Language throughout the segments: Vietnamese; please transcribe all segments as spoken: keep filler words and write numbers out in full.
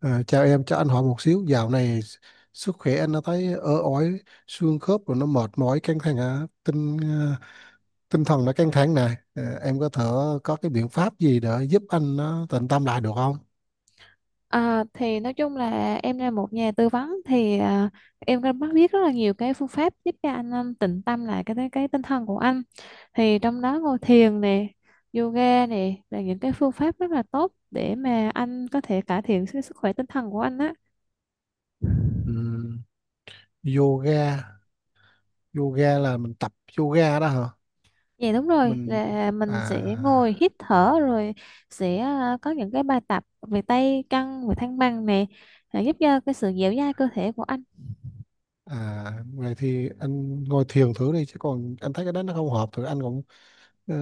À, chào em, cho anh hỏi một xíu, dạo này sức khỏe anh nó thấy ớ ói, xương khớp rồi nó mệt mỏi, căng thẳng, à, tinh à, tinh thần nó căng thẳng này. À, em có thể có cái biện pháp gì để giúp anh nó tịnh tâm lại được không? À, thì nói chung là em là một nhà tư vấn thì à, em có bắt biết rất là nhiều cái phương pháp giúp cho anh um, tịnh tâm lại cái cái tinh thần của anh, thì trong đó ngồi thiền nè, yoga nè là những cái phương pháp rất là tốt để mà anh có thể cải thiện cái sức khỏe tinh thần của anh á. Ừm, yoga, yoga là mình tập yoga đó hả? Dạ đúng rồi, Mình là mình sẽ ngồi à. hít thở rồi sẽ à, có những cái bài tập về tay chân, về thăng bằng nè, à, giúp cho cái sự dẻo dai cơ thể của anh. À, vậy thì anh ngồi thiền thử đi chứ còn anh thấy cái đó nó không hợp thì anh cũng ờ,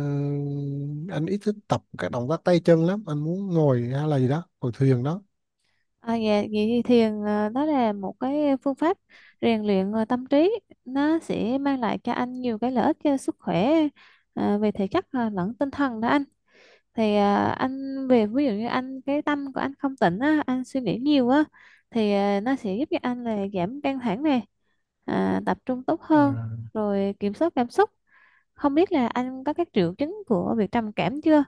anh ít thích tập các động tác tay chân lắm, anh muốn ngồi hay là gì đó, ngồi thiền đó. À, dạ, vậy thì thiền ờ, đó là một cái phương pháp rèn luyện ờ, tâm trí, nó sẽ mang lại cho anh nhiều cái lợi ích cho sức khỏe ờ, về thể chất ờ, lẫn tinh thần đó anh. Thì ờ, anh về ví dụ như anh cái tâm của anh không tỉnh á, anh suy nghĩ nhiều á, thì ờ, nó sẽ giúp cho anh là giảm căng thẳng này, à, tập trung tốt À, hơn, rồi kiểm soát cảm xúc. Không biết là anh có các triệu chứng của việc trầm cảm chưa?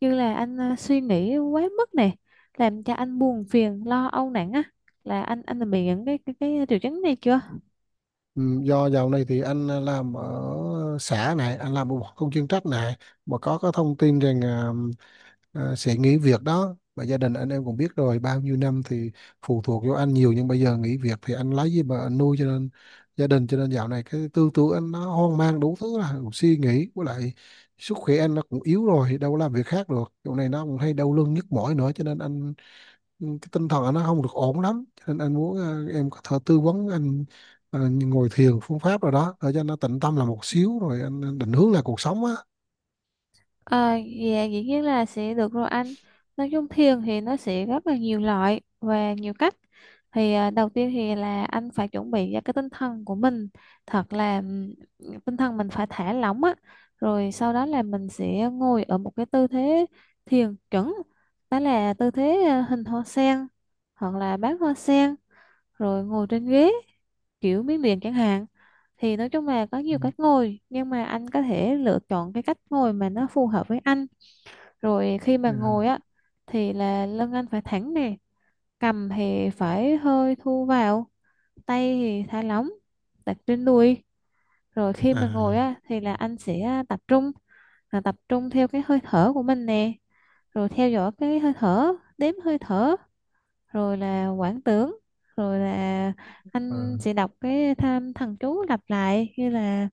Như là anh à, suy nghĩ quá mức này, làm cho anh buồn phiền, lo âu nặng á, là anh anh đã bị những cái cái, cái triệu chứng này chưa? ừ, do dạo này thì anh làm ở xã này, anh làm một công chuyên trách này, mà có có thông tin rằng à, à, sẽ nghỉ việc đó. Và gia đình anh em cũng biết rồi, bao nhiêu năm thì phụ thuộc vô anh nhiều nhưng bây giờ nghỉ việc thì anh lấy gì mà anh nuôi cho nên gia đình, cho nên dạo này cái tư tưởng anh nó hoang mang đủ thứ, là cũng suy nghĩ với lại sức khỏe anh nó cũng yếu rồi, đâu có làm việc khác được. Chỗ này nó cũng hay đau lưng nhức mỏi nữa cho nên anh, ừ, cái tinh thần nó không được ổn lắm cho nên anh muốn ờ, em có thể tư vấn anh ờ, ngồi thiền phương pháp rồi đó để cho nó tịnh tâm là một xíu rồi anh anh định hướng lại cuộc sống á. À, dạ dĩ nhiên là sẽ được rồi anh. Nói chung thiền thì nó sẽ rất là nhiều loại và nhiều cách. Thì à, đầu tiên thì là anh phải chuẩn bị ra cái tinh thần của mình thật là ừm, tinh thần mình phải thả lỏng á. Rồi sau đó là mình sẽ ngồi ở một cái tư thế thiền chuẩn. Đó là tư thế à, hình hoa sen hoặc là bán hoa sen, rồi ngồi trên ghế kiểu miếng điện chẳng hạn. Thì nói chung là có Ừ. nhiều cách ngồi nhưng mà anh có thể lựa chọn cái cách ngồi mà nó phù hợp với anh. Rồi khi mà ngồi á thì là lưng anh phải thẳng nè, cầm thì phải hơi thu vào, tay thì thả lỏng, đặt trên đùi. Rồi khi À, à, mà ngồi á thì là anh sẽ tập trung, là tập trung theo cái hơi thở của mình nè, rồi theo dõi cái hơi thở, đếm hơi thở, rồi là quảng tưởng, rồi là anh sẽ à. đọc cái tham thần chú lặp lại như là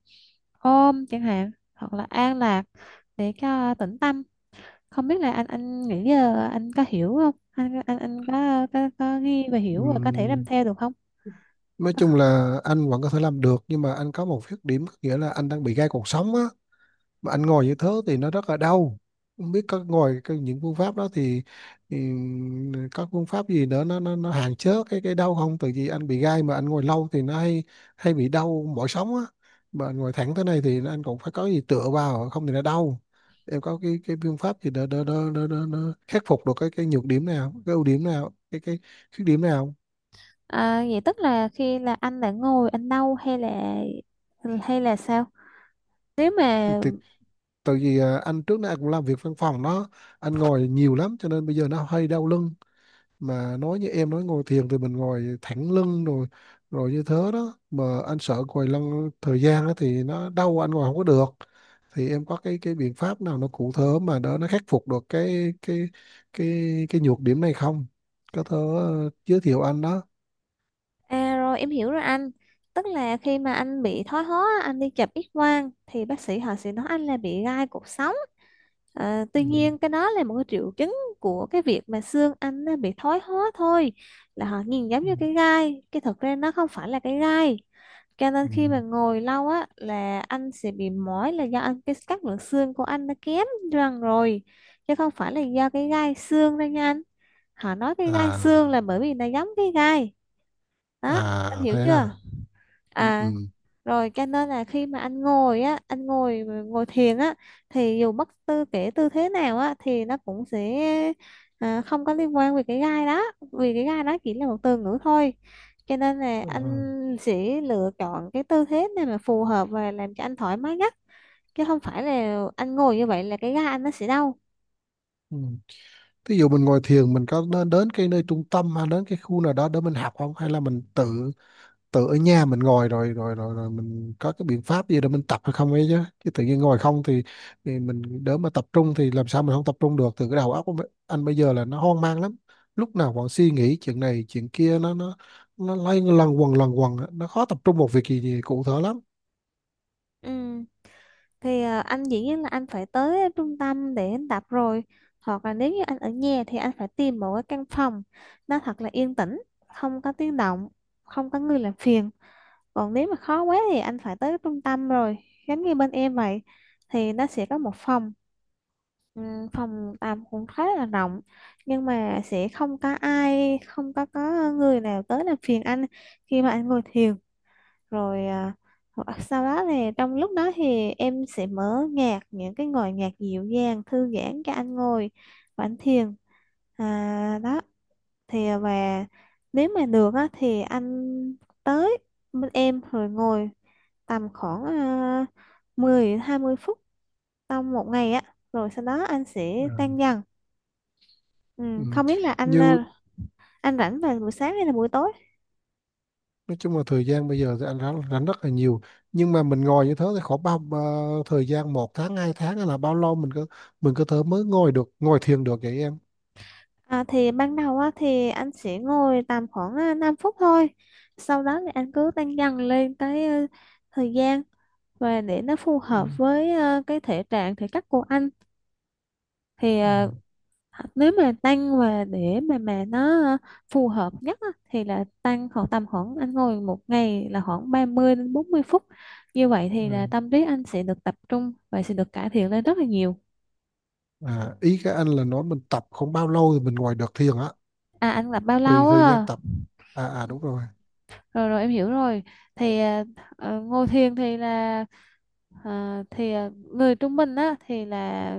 ôm chẳng hạn, hoặc là an lạc, để cho tĩnh tâm. Không biết là anh anh nghĩ giờ anh có hiểu không, anh anh anh có có, có ghi và hiểu và có thể làm Ừm, theo được không? nói chung là anh vẫn có thể làm được nhưng mà anh có một khuyết điểm, có nghĩa là anh đang bị gai cuộc sống á, mà anh ngồi như thế thì nó rất là đau. Không biết có ngồi cái, những phương pháp đó thì, thì các phương pháp gì nữa nó nó, nó hạn chế cái cái đau không, tại vì anh bị gai mà anh ngồi lâu thì nó hay hay bị đau mỏi sống á, mà anh ngồi thẳng thế này thì anh cũng phải có gì tựa vào không thì nó đau. Em có cái cái phương pháp gì đó đó đó đó, đó, đó khắc phục được cái cái nhược điểm nào, cái ưu điểm nào, cái cái khuyết điểm nào, À, vậy tức là khi là anh đã ngồi anh đâu hay là hay là sao? Nếu mà... thì tại vì à, anh trước đây anh cũng làm việc văn phòng đó, anh ngồi nhiều lắm cho nên bây giờ nó hơi đau lưng, mà nói như em nói ngồi thiền thì mình ngồi thẳng lưng rồi, rồi như thế đó mà anh sợ ngồi lăn thời gian đó thì nó đau, anh ngồi không có được. Thì em có cái cái biện pháp nào nó cụ thể mà đỡ nó khắc phục được cái cái cái cái nhược điểm này không, có thể ờ, giới thiệu anh đó. À rồi em hiểu rồi anh. Tức là khi mà anh bị thoái hóa, anh đi chụp X quang thì bác sĩ họ sẽ nói anh là bị gai cột sống. Ờ, Ừ. tuy nhiên cái đó là một cái triệu chứng của cái việc mà xương anh nó bị thoái hóa thôi. Là họ nhìn giống Ừ. như cái gai, cái thực ra nó không phải là cái gai. Cho nên Ừ. khi mà ngồi lâu á là anh sẽ bị mỏi là do anh cái các lượng xương của anh nó kém dần rồi. Chứ không phải là do cái gai xương đâu nha anh. Họ nói cái gai xương là À, bởi vì nó giống cái gai. Đó, anh à hiểu thế chưa? à. Ừ. Ừ. À rồi cho nên là khi mà anh ngồi á, anh ngồi ngồi thiền á thì dù bất tư kể tư thế nào á thì nó cũng sẽ à, không có liên quan về cái gai đó, vì cái gai đó chỉ là một từ ngữ thôi. Cho nên là anh À. sẽ lựa chọn cái tư thế này mà phù hợp và làm cho anh thoải mái nhất, chứ không phải là anh ngồi như vậy là cái gai anh nó sẽ đau. Ừ. Thí dụ mình ngồi thiền mình có nên đến cái nơi trung tâm hay đến cái khu nào đó để mình học không, hay là mình tự tự ở nhà mình ngồi rồi rồi rồi, rồi mình có cái biện pháp gì để mình tập hay không ấy, chứ chứ tự nhiên ngồi không thì, thì mình đỡ mà tập trung, thì làm sao mình không tập trung được, từ cái đầu óc của mấy- anh bây giờ là nó hoang mang lắm, lúc nào còn suy nghĩ chuyện này chuyện kia, nó nó nó lay lần quần lần quần á. Nó khó tập trung một việc gì, gì cụ thể lắm. Ừ. Thì ờ, anh dĩ nhiên là anh phải tới trung tâm để anh tập rồi. Hoặc là nếu như anh ở nhà thì anh phải tìm một cái căn phòng nó thật là yên tĩnh, không có tiếng động, không có người làm phiền. Còn nếu mà khó quá thì anh phải tới trung tâm rồi, giống như bên em vậy thì nó sẽ có một phòng ừm, phòng tạm cũng khá là rộng, nhưng mà sẽ không có ai, không có có người nào tới làm phiền anh khi mà anh ngồi thiền. Rồi à, hoặc sau đó thì trong lúc đó thì em sẽ mở nhạc những cái ngồi nhạc dịu dàng thư giãn cho anh ngồi và anh thiền, à, đó. Thì à, và nếu mà được á, thì anh tới bên em rồi ngồi tầm khoảng à, mười hai mươi phút trong một ngày á, rồi sau đó anh Ừ. sẽ tan dần. Ừ. Ừ, không biết là anh Như à, anh rảnh vào buổi sáng hay là buổi tối? nói chung là thời gian bây giờ thì anh rảnh, rảnh rất là nhiều, nhưng mà mình ngồi như thế thì khoảng bao bao- thời gian một tháng hai tháng hay là bao lâu mình có, mình có thể mới ngồi được, ngồi thiền được vậy em? À, thì ban đầu á, thì anh sẽ ngồi tầm khoảng à, năm phút thôi, sau đó thì anh cứ tăng dần lên cái ờ, thời gian và để nó phù Ừ. hợp với ờ, cái thể trạng thể chất của anh. Thì Ừ. ờ, nếu mà tăng và để mà mà nó ờ, phù hợp nhất á, thì là tăng khoảng tầm khoảng anh ngồi một ngày là khoảng ba mươi đến bốn mươi phút, như vậy thì là Ừ. tâm trí anh sẽ được tập trung và sẽ được cải thiện lên rất là nhiều. À, ý các anh là nói mình tập không bao lâu thì mình ngồi được thiền á, À anh tập bao thời lâu thời gian á? tập, à à đúng rồi. Rồi rồi em hiểu rồi. Thì à, ờ, ngồi thiền thì là à, thì à, người trung bình á thì là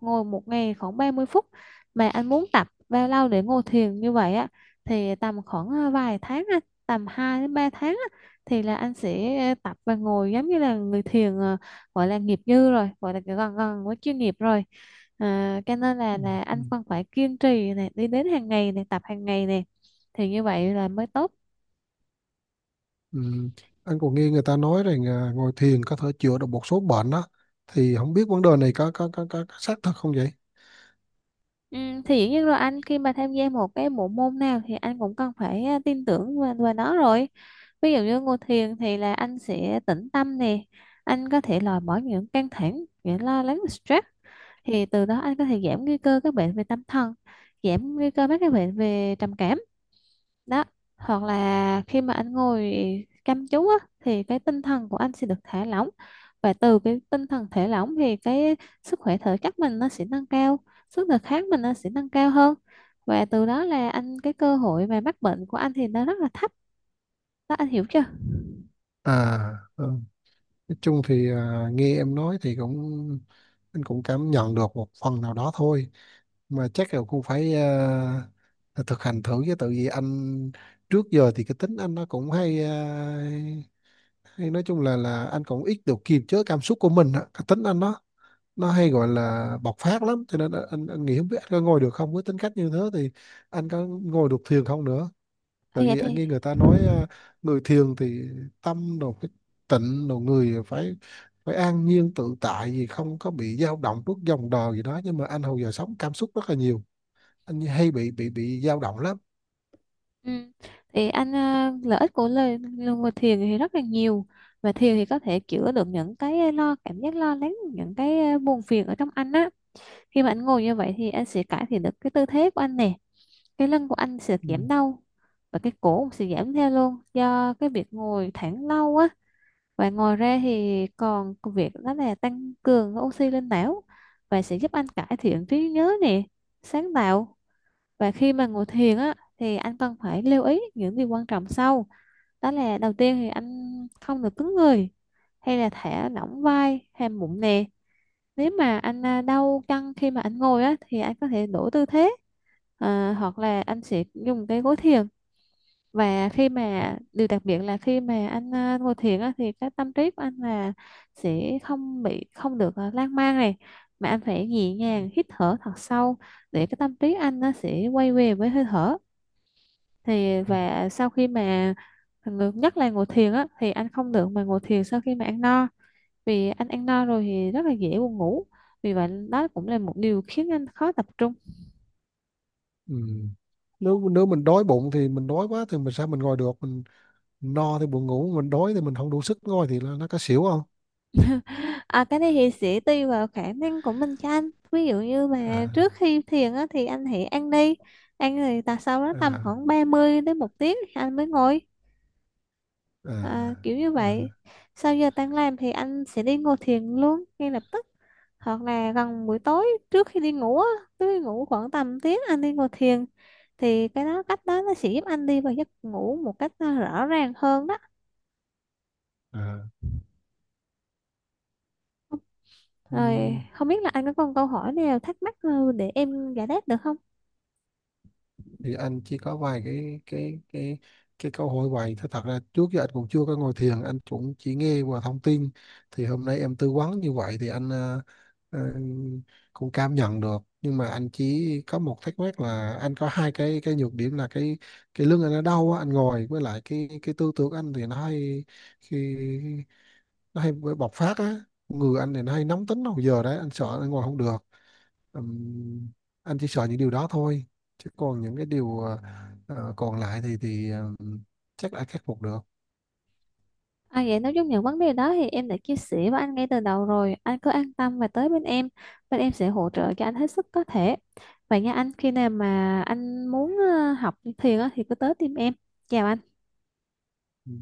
ngồi một ngày khoảng ba mươi phút, mà anh muốn tập bao lâu để ngồi thiền như vậy á? Thì tầm khoảng à, vài tháng á, tầm hai đến ba tháng á, thì là anh sẽ tập và ngồi giống như là người thiền à, gọi là nghiệp dư rồi, gọi là gần gần với chuyên nghiệp rồi. À, cho nên là Ừ. là Ừ. anh còn phải kiên trì này, đi đến hàng ngày này, tập hàng ngày này, thì như vậy là mới tốt. Ừ. Anh còn nghe người ta nói rằng à, ngồi thiền có thể chữa được một số bệnh đó, thì không biết vấn đề này có có có, có, có xác thật không vậy? Ừ, thì dĩ nhiên rồi anh, khi mà tham gia một cái bộ môn nào thì anh cũng cần phải à, tin tưởng vào, vào nó rồi. Ví dụ như ngồi thiền thì là anh sẽ tĩnh tâm nè, anh có thể loại bỏ những căng thẳng, những lo lắng, stress, thì từ đó anh có thể giảm nguy cơ các bệnh về tâm thần, giảm nguy cơ mắc các bệnh về trầm cảm. Đó, hoặc là khi mà anh ngồi chăm chú á, thì cái tinh thần của anh sẽ được thả lỏng, và từ cái tinh thần thả lỏng thì cái sức khỏe thể chất mình nó sẽ nâng cao, sức đề kháng mình nó sẽ nâng cao hơn, và từ đó là anh cái cơ hội mà mắc bệnh của anh thì nó rất là thấp. Đó, anh hiểu chưa? À, ừ, nói chung thì à, nghe em nói thì cũng, anh cũng cảm nhận được một phần nào đó thôi, mà chắc là cũng phải à, thực hành thử, chứ tự vì anh trước giờ thì cái tính anh nó cũng hay à, hay nói chung là là anh cũng ít được kiềm chế cảm xúc của mình á. Cái tính anh nó nó hay gọi là bộc phát lắm, cho nên anh, anh nghĩ không biết anh có ngồi được không, với tính cách như thế thì anh có ngồi được thiền không nữa, À, tại vậy vì anh thì nghe người ta nói à, người thiền thì tâm đồ cái tịnh đồ người phải, phải an nhiên tự tại gì không có bị dao động trước dòng đời gì đó, nhưng mà anh hồi giờ sống cảm xúc rất là nhiều, anh hay bị bị bị dao động lắm. ừ. Thì anh ờ, lợi ích của lời ngồi thiền thì rất là nhiều, và thiền thì có thể chữa được những cái lo cảm giác lo lắng, những cái ờ, buồn phiền ở trong anh á. Khi mà anh ngồi như vậy thì anh sẽ cải thiện được cái tư thế của anh nè, cái lưng của anh sẽ Ừ. giảm đau và cái cổ cũng sẽ giảm theo luôn do cái việc ngồi thẳng lâu á. Và ngồi ra thì còn việc đó là tăng cường oxy lên não và sẽ giúp anh cải thiện trí nhớ nè, sáng tạo. Và khi mà ngồi thiền á thì anh cần phải lưu ý những điều quan trọng sau. Đó là đầu tiên thì anh không được cứng người hay là thả lỏng vai hay bụng nè, nếu mà anh à, đau căng khi mà anh ngồi á thì anh có thể đổi tư thế, à, hoặc là anh sẽ dùng cái gối thiền. Và khi mà điều đặc biệt là khi mà anh à, ngồi thiền á thì cái tâm trí của anh là sẽ không bị, không được à, lan man này, mà anh phải nhẹ nhàng hít thở thật sâu để cái tâm trí anh nó sẽ quay về với hơi thở. Thì và sau khi mà ngược- nhất là ngồi thiền á thì anh không được mà ngồi thiền sau khi mà ăn no, vì anh ăn no rồi thì rất là dễ buồn ngủ, vì vậy đó cũng là một điều khiến anh khó tập trung. Ừ. Nếu nếu mình đói bụng thì mình đói quá thì mình sao mình ngồi được, mình no thì buồn ngủ, mình đói thì mình không đủ sức ngồi thì là nó có xỉu không? À, cái này thì sẽ tùy vào khả năng của mình cho anh, ví dụ như mà trước À khi thiền á, thì anh hãy ăn đi, ăn rồi ta sau đó tầm à khoảng ba mươi đến một tiếng thì anh mới ngồi, à à, kiểu như à, vậy. Sau giờ tan làm thì anh sẽ đi ngồi thiền luôn ngay lập tức, hoặc là gần buổi tối trước khi đi ngủ á, trước khi ngủ khoảng tầm tiếng anh đi ngồi thiền, thì cái đó cách đó nó sẽ giúp anh đi vào giấc ngủ một cách à, rõ ràng hơn đó. à. Rồi Ừm, không biết là anh có còn câu hỏi nào thắc mắc à, để em giải đáp được không? thì anh chỉ có vài cái cái cái cái câu hỏi vậy thôi, thật ra trước giờ anh cũng chưa có ngồi thiền, anh cũng chỉ nghe qua thông tin, thì hôm nay em tư vấn như vậy thì anh ờ, ờ, cũng cảm nhận được, nhưng mà anh chỉ có một thắc mắc là anh có hai cái cái nhược điểm, là cái cái lưng anh nó đau á, anh ngồi với lại cái cái tư tưởng anh thì nó hay, khi nó hay bị bộc phát á, người anh này nó hay nóng tính hồi giờ đấy, anh sợ anh ngồi không được. Ừm, anh chỉ sợ những điều đó thôi, chứ còn những cái điều ờ, ờ, còn lại thì thì ừm, chắc đã khắc phục được. À vậy nói chung những vấn đề đó thì em đã chia sẻ với anh ngay từ đầu rồi. Anh cứ an tâm và tới bên em. Bên em sẽ hỗ trợ cho anh hết sức có thể. Vậy nha anh, khi nào mà anh muốn ờ, học thiền á, thì cứ tới tìm em. Chào anh. Ừ.